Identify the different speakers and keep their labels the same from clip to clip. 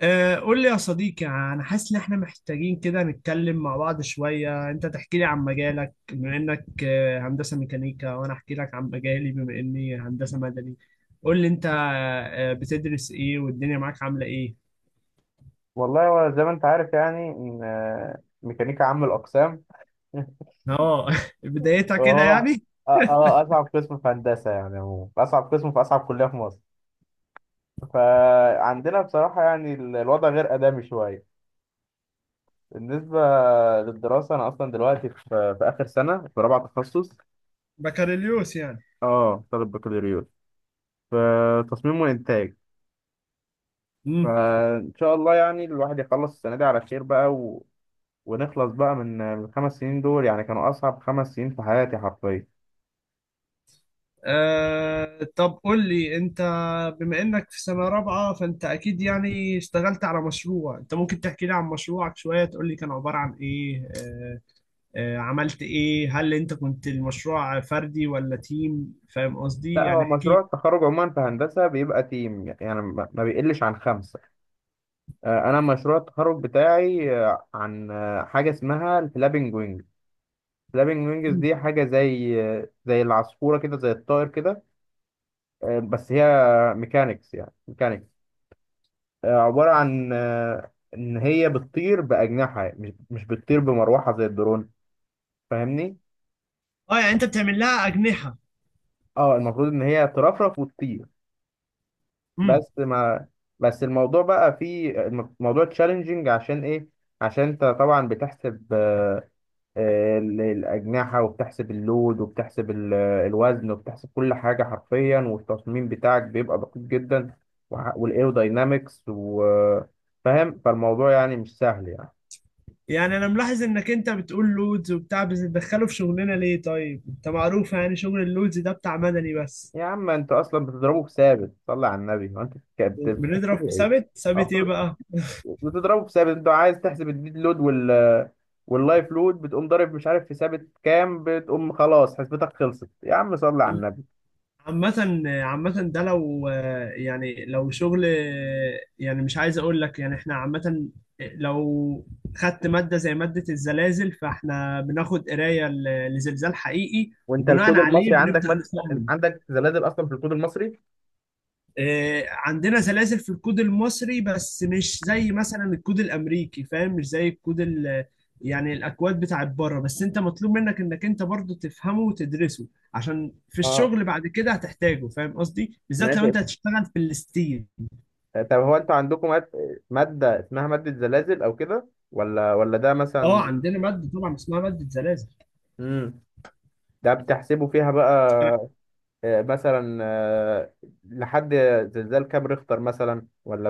Speaker 1: قول لي يا صديقي، انا حاسس ان احنا محتاجين كده نتكلم مع بعض شوية. انت تحكي لي عن مجالك بما انك هندسة ميكانيكا، وانا احكي لك عن مجالي بما اني هندسة مدني. قول لي انت بتدرس ايه؟ والدنيا معاك عاملة ايه؟
Speaker 2: والله هو زي ما انت عارف يعني ان ميكانيكا عام الاقسام
Speaker 1: اه بدايتها كده
Speaker 2: وهو
Speaker 1: يعني.
Speaker 2: اصعب قسم في هندسه، يعني عموما اصعب قسم في اصعب كليه في مصر. فعندنا بصراحه يعني الوضع غير ادمي شويه بالنسبه للدراسه. انا اصلا دلوقتي في اخر سنه، في رابعه تخصص.
Speaker 1: بكالوريوس يعني.
Speaker 2: اه، طالب بكالوريوس في تصميم وانتاج.
Speaker 1: امم.
Speaker 2: فان شاء الله يعني الواحد يخلص السنه دي على خير بقى، ونخلص بقى من الخمس سنين دول. يعني كانوا اصعب خمس سنين في حياتي حرفيا.
Speaker 1: طب قول لي انت، بما انك في سنة رابعة فانت اكيد يعني اشتغلت على مشروع. انت ممكن تحكي لي عن مشروعك شوية، تقول لي كان عبارة عن ايه؟ عملت ايه؟ هل انت كنت المشروع فردي ولا تيم؟ فاهم قصدي؟
Speaker 2: لا، هو
Speaker 1: يعني
Speaker 2: مشروع
Speaker 1: احكي
Speaker 2: التخرج عموما في هندسة بيبقى تيم، يعني ما بيقلش عن خمسة. أنا مشروع التخرج بتاعي عن حاجة اسمها الفلابنج وينج. الفلابنج وينجز
Speaker 1: لي.
Speaker 2: دي حاجة زي زي العصفورة كده، زي الطائر كده. بس هي ميكانيكس، يعني ميكانيكس. عبارة عن إن هي بتطير بأجنحة، مش بتطير بمروحة زي الدرون. فاهمني؟
Speaker 1: اه، يعني انت بتعمل لها اجنحة.
Speaker 2: اه، المفروض إن هي ترفرف وتطير.
Speaker 1: امم.
Speaker 2: بس ما بس الموضوع بقى فيه موضوع تشالنجينج. عشان ايه؟ عشان انت طبعا بتحسب الاجنحه، وبتحسب اللود، وبتحسب الوزن، وبتحسب كل حاجه حرفيا، والتصميم بتاعك بيبقى دقيق جدا والايروداينامكس وفاهم. فالموضوع يعني مش سهل يعني.
Speaker 1: يعني انا ملاحظ انك انت بتقول لودز وبتاع، بس بتدخله في شغلنا ليه؟ طيب انت معروف يعني شغل اللودز ده بتاع مدني بس.
Speaker 2: يا عم انت اصلا بتضربه بثابت، صلي على النبي. هو انت
Speaker 1: بنضرب في
Speaker 2: بتحسبه ايه؟
Speaker 1: ثابت. ثابت ايه بقى؟
Speaker 2: بتضربه في ثابت. انت عايز تحسب الديد لود واللايف لود، بتقوم ضارب مش عارف في ثابت كام، بتقوم خلاص حسبتك، خلصت يا عم، صلي على النبي.
Speaker 1: عامة عامة، ده لو يعني، لو شغل، يعني مش عايز اقول لك، يعني احنا عامة لو خدت مادة زي مادة الزلازل، فاحنا بناخد قراية لزلزال حقيقي،
Speaker 2: وانت
Speaker 1: وبناء
Speaker 2: الكود
Speaker 1: عليه
Speaker 2: المصري
Speaker 1: بنبدأ نصمم.
Speaker 2: عندك زلازل اصلا في الكود المصري؟
Speaker 1: عندنا سلاسل في الكود المصري، بس مش زي مثلا الكود الامريكي، فاهم؟ مش زي الكود يعني الاكواد بتاعت بره، بس انت مطلوب منك انك انت برضو تفهمه وتدرسه، عشان في
Speaker 2: اه،
Speaker 1: الشغل بعد كده هتحتاجه، فاهم قصدي؟ بالذات لو
Speaker 2: ماشي.
Speaker 1: انت هتشتغل في الستيل.
Speaker 2: طب هو مادة اسمها مادة زلازل او كده، ولا ده
Speaker 1: اه،
Speaker 2: مثلا؟
Speaker 1: عندنا ماده طبعا اسمها ماده سلاسل.
Speaker 2: امم، ده بتحسبوا فيها بقى
Speaker 1: أنا-
Speaker 2: مثلا لحد زلزال كام ريختر مثلا، ولا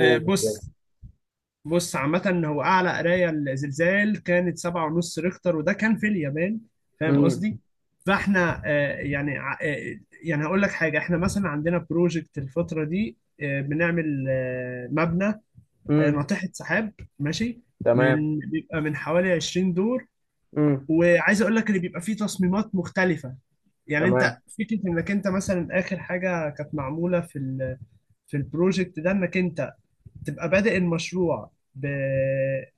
Speaker 1: بص. بص عامة، هو أعلى قراية لزلزال كانت سبعة ونص ريختر، وده كان في اليابان. فاهم
Speaker 2: امم.
Speaker 1: قصدي؟ فاحنا يعني يعني هقول لك حاجة، احنا مثلا عندنا بروجكت الفترة دي. بنعمل مبنى،
Speaker 2: امم.
Speaker 1: ناطحة سحاب. ماشي.
Speaker 2: تمام.
Speaker 1: من بيبقى من حوالي 20 دور، وعايز اقول لك اللي بيبقى فيه تصميمات مختلفة. يعني
Speaker 2: تمام.
Speaker 1: انت فكرة انك انت مثلا اخر حاجة كانت معمولة في في البروجكت ده، انك انت تبقى بادئ المشروع ب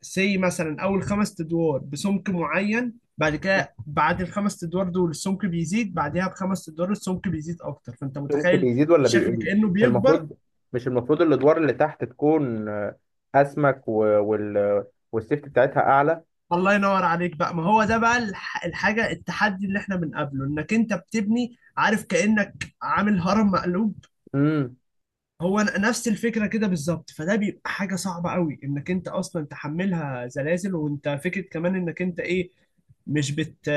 Speaker 1: سي مثلا، اول خمس ادوار بسمك معين، بعد كده بعد الخمس ادوار دول السمك بيزيد، بعدها بخمس ادوار السمك بيزيد اكتر، فانت
Speaker 2: السمك
Speaker 1: متخيل
Speaker 2: بيزيد ولا
Speaker 1: الشكل
Speaker 2: بيقل؟
Speaker 1: كانه
Speaker 2: مش
Speaker 1: بيكبر.
Speaker 2: المفروض؟ مش المفروض الادوار اللي تحت تكون اسمك والسيفت بتاعتها اعلى؟
Speaker 1: الله ينور عليك بقى، ما هو ده بقى الحاجه التحدي اللي احنا بنقابله، انك انت بتبني عارف كانك عامل هرم مقلوب.
Speaker 2: امم.
Speaker 1: هو نفس الفكره كده بالظبط، فده بيبقى حاجه صعبه قوي انك انت اصلا تحملها زلازل، وانت فكره كمان انك انت ايه، مش بت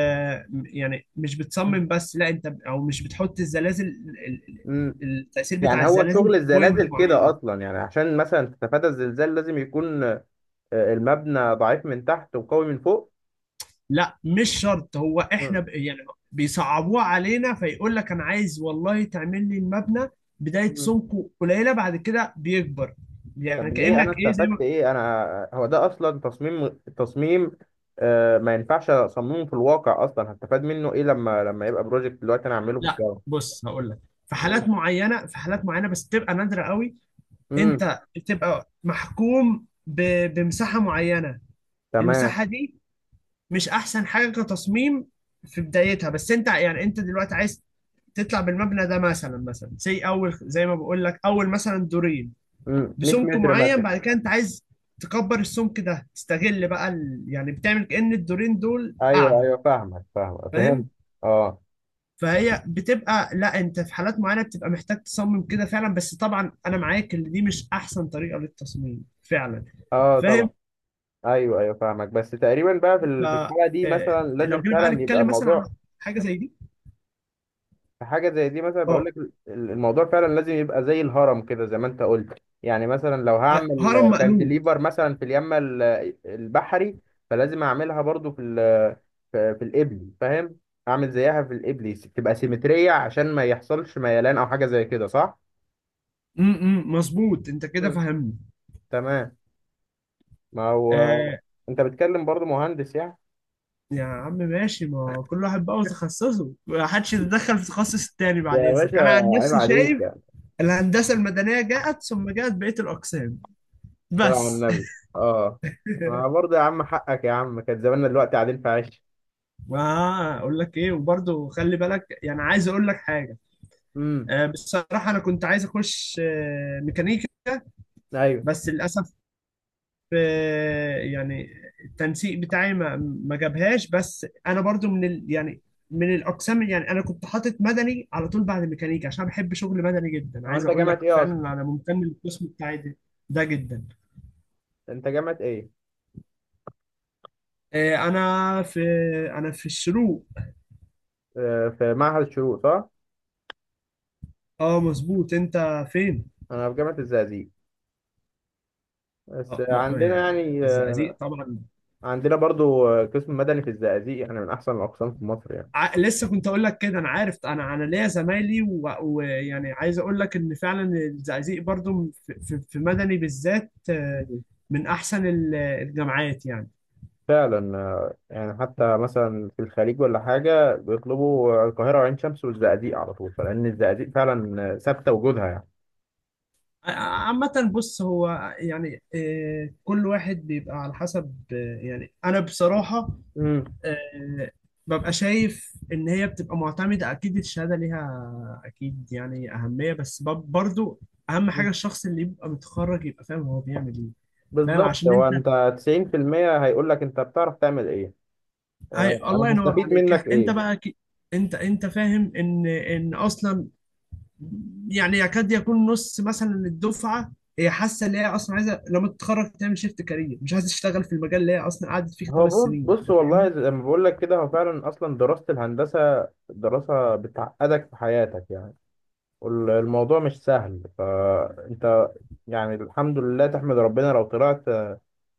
Speaker 1: يعني مش بتصمم بس، لا انت، او مش بتحط الزلازل
Speaker 2: امم.
Speaker 1: التأثير بتاع
Speaker 2: يعني هو
Speaker 1: الزلازل
Speaker 2: شغل
Speaker 1: في بوينت
Speaker 2: الزلازل كده
Speaker 1: معينة.
Speaker 2: اصلا، يعني عشان مثلا تتفادى الزلزال لازم يكون المبنى ضعيف من تحت وقوي من فوق.
Speaker 1: لا مش شرط، هو احنا
Speaker 2: مم.
Speaker 1: يعني بيصعبوها علينا، فيقول لك انا عايز والله تعمل لي المبنى بداية
Speaker 2: مم.
Speaker 1: سمكه قليلة، بعد كده بيكبر، يعني
Speaker 2: طب ليه؟ انا
Speaker 1: كأنك ايه زي
Speaker 2: استفدت
Speaker 1: ما،
Speaker 2: ايه؟ انا هو ده اصلا تصميم، تصميم ما ينفعش اصممه في الواقع اصلا. هستفاد منه ايه لما يبقى بروجكت دلوقتي انا اعمله في
Speaker 1: لا
Speaker 2: الجامعه؟
Speaker 1: بص هقول لك، في حالات معينه، في حالات معينه بس بتبقى نادره قوي،
Speaker 2: امم.
Speaker 1: انت بتبقى محكوم بمساحه معينه،
Speaker 2: تمام.
Speaker 1: المساحه دي مش احسن حاجه كتصميم في بدايتها، بس انت يعني انت دلوقتي عايز تطلع بالمبنى ده مثلا، مثلا زي اول، زي ما بقول لك اول، مثلا دورين
Speaker 2: امم. 100
Speaker 1: بسمك
Speaker 2: متر
Speaker 1: معين،
Speaker 2: مثلا.
Speaker 1: بعد كده انت عايز تكبر السمك ده، تستغل بقى يعني بتعمل كأن الدورين دول
Speaker 2: ايوه
Speaker 1: قاعده،
Speaker 2: ايوه فاهمك، فاهمك، فهمت.
Speaker 1: فاهم؟
Speaker 2: اه.
Speaker 1: فهي بتبقى، لا انت في حالات معينه بتبقى محتاج تصمم كده فعلا، بس طبعا انا معاك ان دي مش احسن طريقه للتصميم فعلا.
Speaker 2: اه،
Speaker 1: فاهم.
Speaker 2: طبعا. ايوه ايوه فاهمك، بس تقريبا بقى في
Speaker 1: ف
Speaker 2: في الحاله دي مثلا لازم
Speaker 1: لو جينا بقى
Speaker 2: فعلا يبقى
Speaker 1: نتكلم مثلا عن
Speaker 2: الموضوع
Speaker 1: حاجه زي دي.
Speaker 2: في حاجه زي دي. مثلا بقول
Speaker 1: اه.
Speaker 2: لك الموضوع فعلا لازم يبقى زي الهرم كده، زي ما انت قلت. يعني مثلا لو هعمل
Speaker 1: هرم مقلوب.
Speaker 2: كانتليفر مثلا في اليمن البحري، فلازم اعملها برضو في ال في القبلي، فاهم؟ اعمل زيها في القبلي تبقى سيمتريه عشان ما يحصلش ميلان او حاجه زي كده، صح؟
Speaker 1: امم، مظبوط، انت كده
Speaker 2: مم.
Speaker 1: فهمني.
Speaker 2: تمام. ما هو
Speaker 1: آه.
Speaker 2: انت بتكلم برضو مهندس يعني.
Speaker 1: يا عم ماشي، ما كل واحد بقى وتخصصه، ما حدش يتدخل في تخصص التاني، بعد
Speaker 2: يا
Speaker 1: اذنك
Speaker 2: باشا،
Speaker 1: انا عن
Speaker 2: عيب
Speaker 1: نفسي
Speaker 2: عليك
Speaker 1: شايف
Speaker 2: يعني.
Speaker 1: الهندسه المدنيه جاءت، ثم جاءت بقيه الاقسام
Speaker 2: الصلاة على
Speaker 1: بس.
Speaker 2: النبي. اه، ما برضه يا عم حقك يا عم، كان زماننا دلوقتي قاعدين في عش.
Speaker 1: واقول لك ايه وبرضه خلي بالك، يعني عايز اقول لك حاجه،
Speaker 2: امم.
Speaker 1: بصراحه انا كنت عايز اخش ميكانيكا،
Speaker 2: ايوه.
Speaker 1: بس للاسف يعني التنسيق بتاعي ما جابهاش، بس انا برضه من ال يعني، من الاقسام، يعني انا كنت حاطط مدني على طول بعد ميكانيكا، عشان أنا بحب شغل مدني جدا.
Speaker 2: هو
Speaker 1: عايز
Speaker 2: انت
Speaker 1: اقول
Speaker 2: جامعة
Speaker 1: لك
Speaker 2: ايه اصلا؟
Speaker 1: فعلا انا ممتن للقسم بتاعي ده، ده جدا.
Speaker 2: انت جامعة ايه؟
Speaker 1: انا في، انا في الشروق.
Speaker 2: آه، في معهد الشروق، صح؟
Speaker 1: اه مظبوط. انت فين؟
Speaker 2: انا في جامعة الزقازيق، بس عندنا
Speaker 1: يعني
Speaker 2: يعني
Speaker 1: الزقازيق طبعا.
Speaker 2: عندنا برضو قسم مدني في الزقازيق يعني من احسن الاقسام في مصر
Speaker 1: لسه كنت اقول لك كده، انا عارف، انا ليا زمايلي، ويعني عايز اقول لك ان فعلا الزقازيق برضو في مدني بالذات،
Speaker 2: يعني،
Speaker 1: من احسن الجامعات يعني.
Speaker 2: فعلا. يعني حتى مثلا في الخليج ولا حاجة بيطلبوا القاهرة وعين شمس والزقازيق على طول، فلأن الزقازيق فعلا ثابتة وجودها يعني.
Speaker 1: عامة بص، هو يعني كل واحد بيبقى على حسب، يعني انا بصراحة
Speaker 2: امم.
Speaker 1: آه، ببقى شايف ان هي بتبقى معتمدة، اكيد الشهادة ليها اكيد يعني اهمية، بس برضو اهم حاجة الشخص اللي يبقى متخرج يبقى فاهم هو بيعمل ايه. فاهم؟
Speaker 2: بالظبط.
Speaker 1: عشان
Speaker 2: هو
Speaker 1: انت،
Speaker 2: أنت 90% هيقول لك أنت بتعرف تعمل إيه،
Speaker 1: اي الله
Speaker 2: أنا
Speaker 1: ينور
Speaker 2: هستفيد
Speaker 1: عليك
Speaker 2: منك
Speaker 1: انت
Speaker 2: إيه.
Speaker 1: بقى انت فاهم ان ان اصلا، يعني يكاد يكون نص مثلا الدفعه هي حاسه ان هي اصلا عايزه لما تتخرج تعمل شيفت كارير، مش عايزه تشتغل في المجال اللي هي اصلا قعدت فيه خمس سنين.
Speaker 2: بص،
Speaker 1: انت فاهمني؟
Speaker 2: والله زي ما بقول لك كده، هو فعلا أصلا دراسة الهندسة دراسة بتعقدك في حياتك يعني. والموضوع مش سهل، فأنت يعني الحمد لله، تحمد ربنا لو طلعت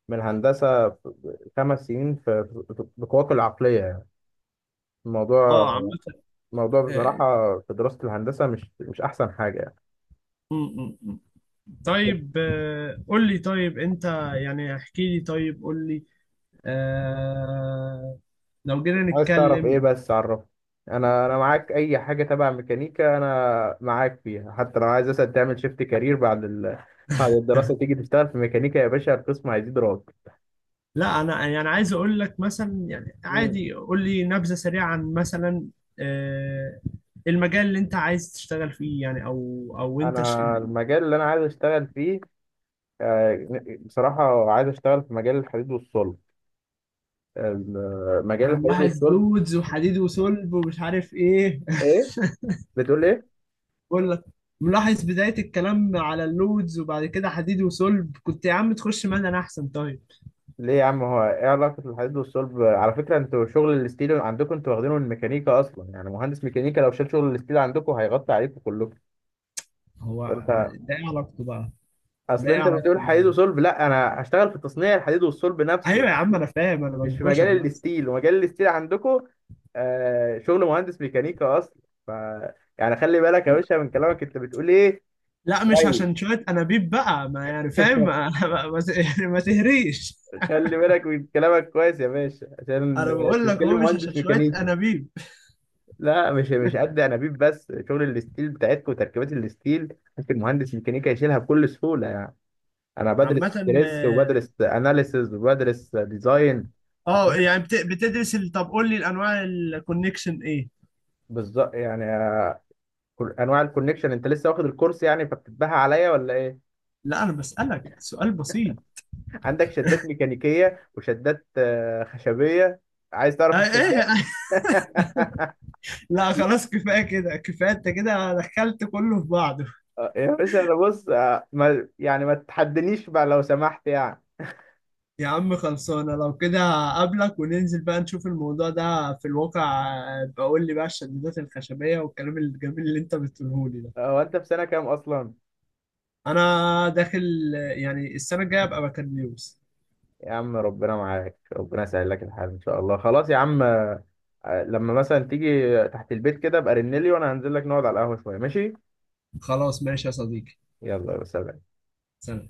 Speaker 2: من الهندسة في خمس سنين في بقواك العقلية يعني. الموضوع،
Speaker 1: اه عامة،
Speaker 2: الموضوع
Speaker 1: آه،
Speaker 2: بصراحة في دراسة الهندسة مش أحسن حاجة يعني.
Speaker 1: م- م- م.
Speaker 2: طب
Speaker 1: طيب قول لي، طيب انت يعني احكي لي، طيب قول لي آه، لو جينا
Speaker 2: عايز تعرف إيه
Speaker 1: نتكلم.
Speaker 2: بس؟ عرف. أنا معاك أي حاجة تبع ميكانيكا أنا معاك فيها، حتى لو عايز مثلا تعمل شيفت كارير بعد بعد الدراسة تيجي تشتغل في ميكانيكا، يا باشا القسم هيزيد راتب.
Speaker 1: لا انا يعني عايز اقول لك مثلا، يعني
Speaker 2: مم.
Speaker 1: عادي قول لي نبذه سريعه عن مثلا آه، المجال اللي انت عايز تشتغل فيه، يعني او او انت
Speaker 2: أنا المجال اللي أنا عايز أشتغل فيه آه، بصراحة عايز أشتغل في مجال الحديد والصلب، مجال
Speaker 1: انا
Speaker 2: الحديد
Speaker 1: ملاحظ
Speaker 2: والصلب.
Speaker 1: لودز وحديد وصلب ومش عارف ايه.
Speaker 2: إيه؟ بتقول إيه؟
Speaker 1: بقول لك ملاحظ بدايه الكلام على اللودز، وبعد كده حديد وصلب، كنت يا عم تخش مدني احسن طيب.
Speaker 2: ليه يا عم؟ هو ايه علاقة الحديد والصلب؟ على فكرة انتوا شغل الستيل عندكم انتوا واخدينه من الميكانيكا اصلا، يعني مهندس ميكانيكا لو شال شغل الستيل عندكم هيغطي عليكم كلكم.
Speaker 1: هو
Speaker 2: فانت
Speaker 1: ده ايه علاقته بقى
Speaker 2: اصل
Speaker 1: ده ايه
Speaker 2: انت
Speaker 1: علاقته
Speaker 2: بتقول حديد
Speaker 1: بقى؟
Speaker 2: وصلب، لا انا هشتغل في تصنيع الحديد والصلب نفسه،
Speaker 1: ايوه يا عم انا فاهم، انا
Speaker 2: مش في
Speaker 1: بنكشك
Speaker 2: مجال
Speaker 1: بس.
Speaker 2: الستيل. ومجال الستيل عندكم آه شغل مهندس ميكانيكا اصلا. ف يعني خلي بالك يا باشا من كلامك، انت بتقول ايه.
Speaker 1: لا مش عشان
Speaker 2: كويس.
Speaker 1: شوية أنابيب بقى، ما يعني فاهم، يعني ما تهريش.
Speaker 2: خلي بالك من كلامك كويس يا باشا،
Speaker 1: أنا
Speaker 2: عشان
Speaker 1: بقول لك هو
Speaker 2: تتكلم
Speaker 1: مش عشان
Speaker 2: مهندس
Speaker 1: شوية
Speaker 2: ميكانيكا.
Speaker 1: أنابيب.
Speaker 2: لا مش، قد انابيب بس، شغل الستيل بتاعتكم وتركيبات الستيل ممكن مهندس ميكانيكا يشيلها بكل سهوله يعني. انا بدرس
Speaker 1: عامة،
Speaker 2: ستريس،
Speaker 1: آه،
Speaker 2: وبدرس اناليسز، وبدرس ديزاين، فاهم؟
Speaker 1: يعني بتدرس طب قول لي الأنواع، الكونكشن إيه؟
Speaker 2: بالظبط، يعني انواع الكونكشن انت لسه واخد الكورس يعني، فبتتباهى عليا ولا ايه؟
Speaker 1: لا أنا بسألك سؤال بسيط.
Speaker 2: عندك شدات ميكانيكيه وشدات خشبيه. عايز
Speaker 1: آه
Speaker 2: تعرف
Speaker 1: إيه
Speaker 2: الشدات؟
Speaker 1: لا خلاص كفاية كده، كفاية أنت كده دخلت كله في بعضه.
Speaker 2: يا باشا انا بص، ما يعني ما تتحدنيش بقى لو سمحت يعني.
Speaker 1: يا عم خلصانة لو كده، قابلك وننزل بقى نشوف الموضوع ده في الواقع. بقول لي بقى الشدادات الخشبية والكلام الجميل اللي أنت بتقوله لي ده.
Speaker 2: هو انت في سنه كام اصلا؟
Speaker 1: انا داخل، يعني السنه الجايه ابقى بكالوريوس.
Speaker 2: يا عم ربنا معاك، ربنا يسهل لك الحال ان شاء الله. خلاص يا عم، لما مثلا تيجي تحت البيت كده ابقى رنلي وانا هنزل لك نقعد على القهوة شوية، ماشي؟
Speaker 1: خلاص ماشي يا صديقي.
Speaker 2: يلا، يا سلام.
Speaker 1: سلام.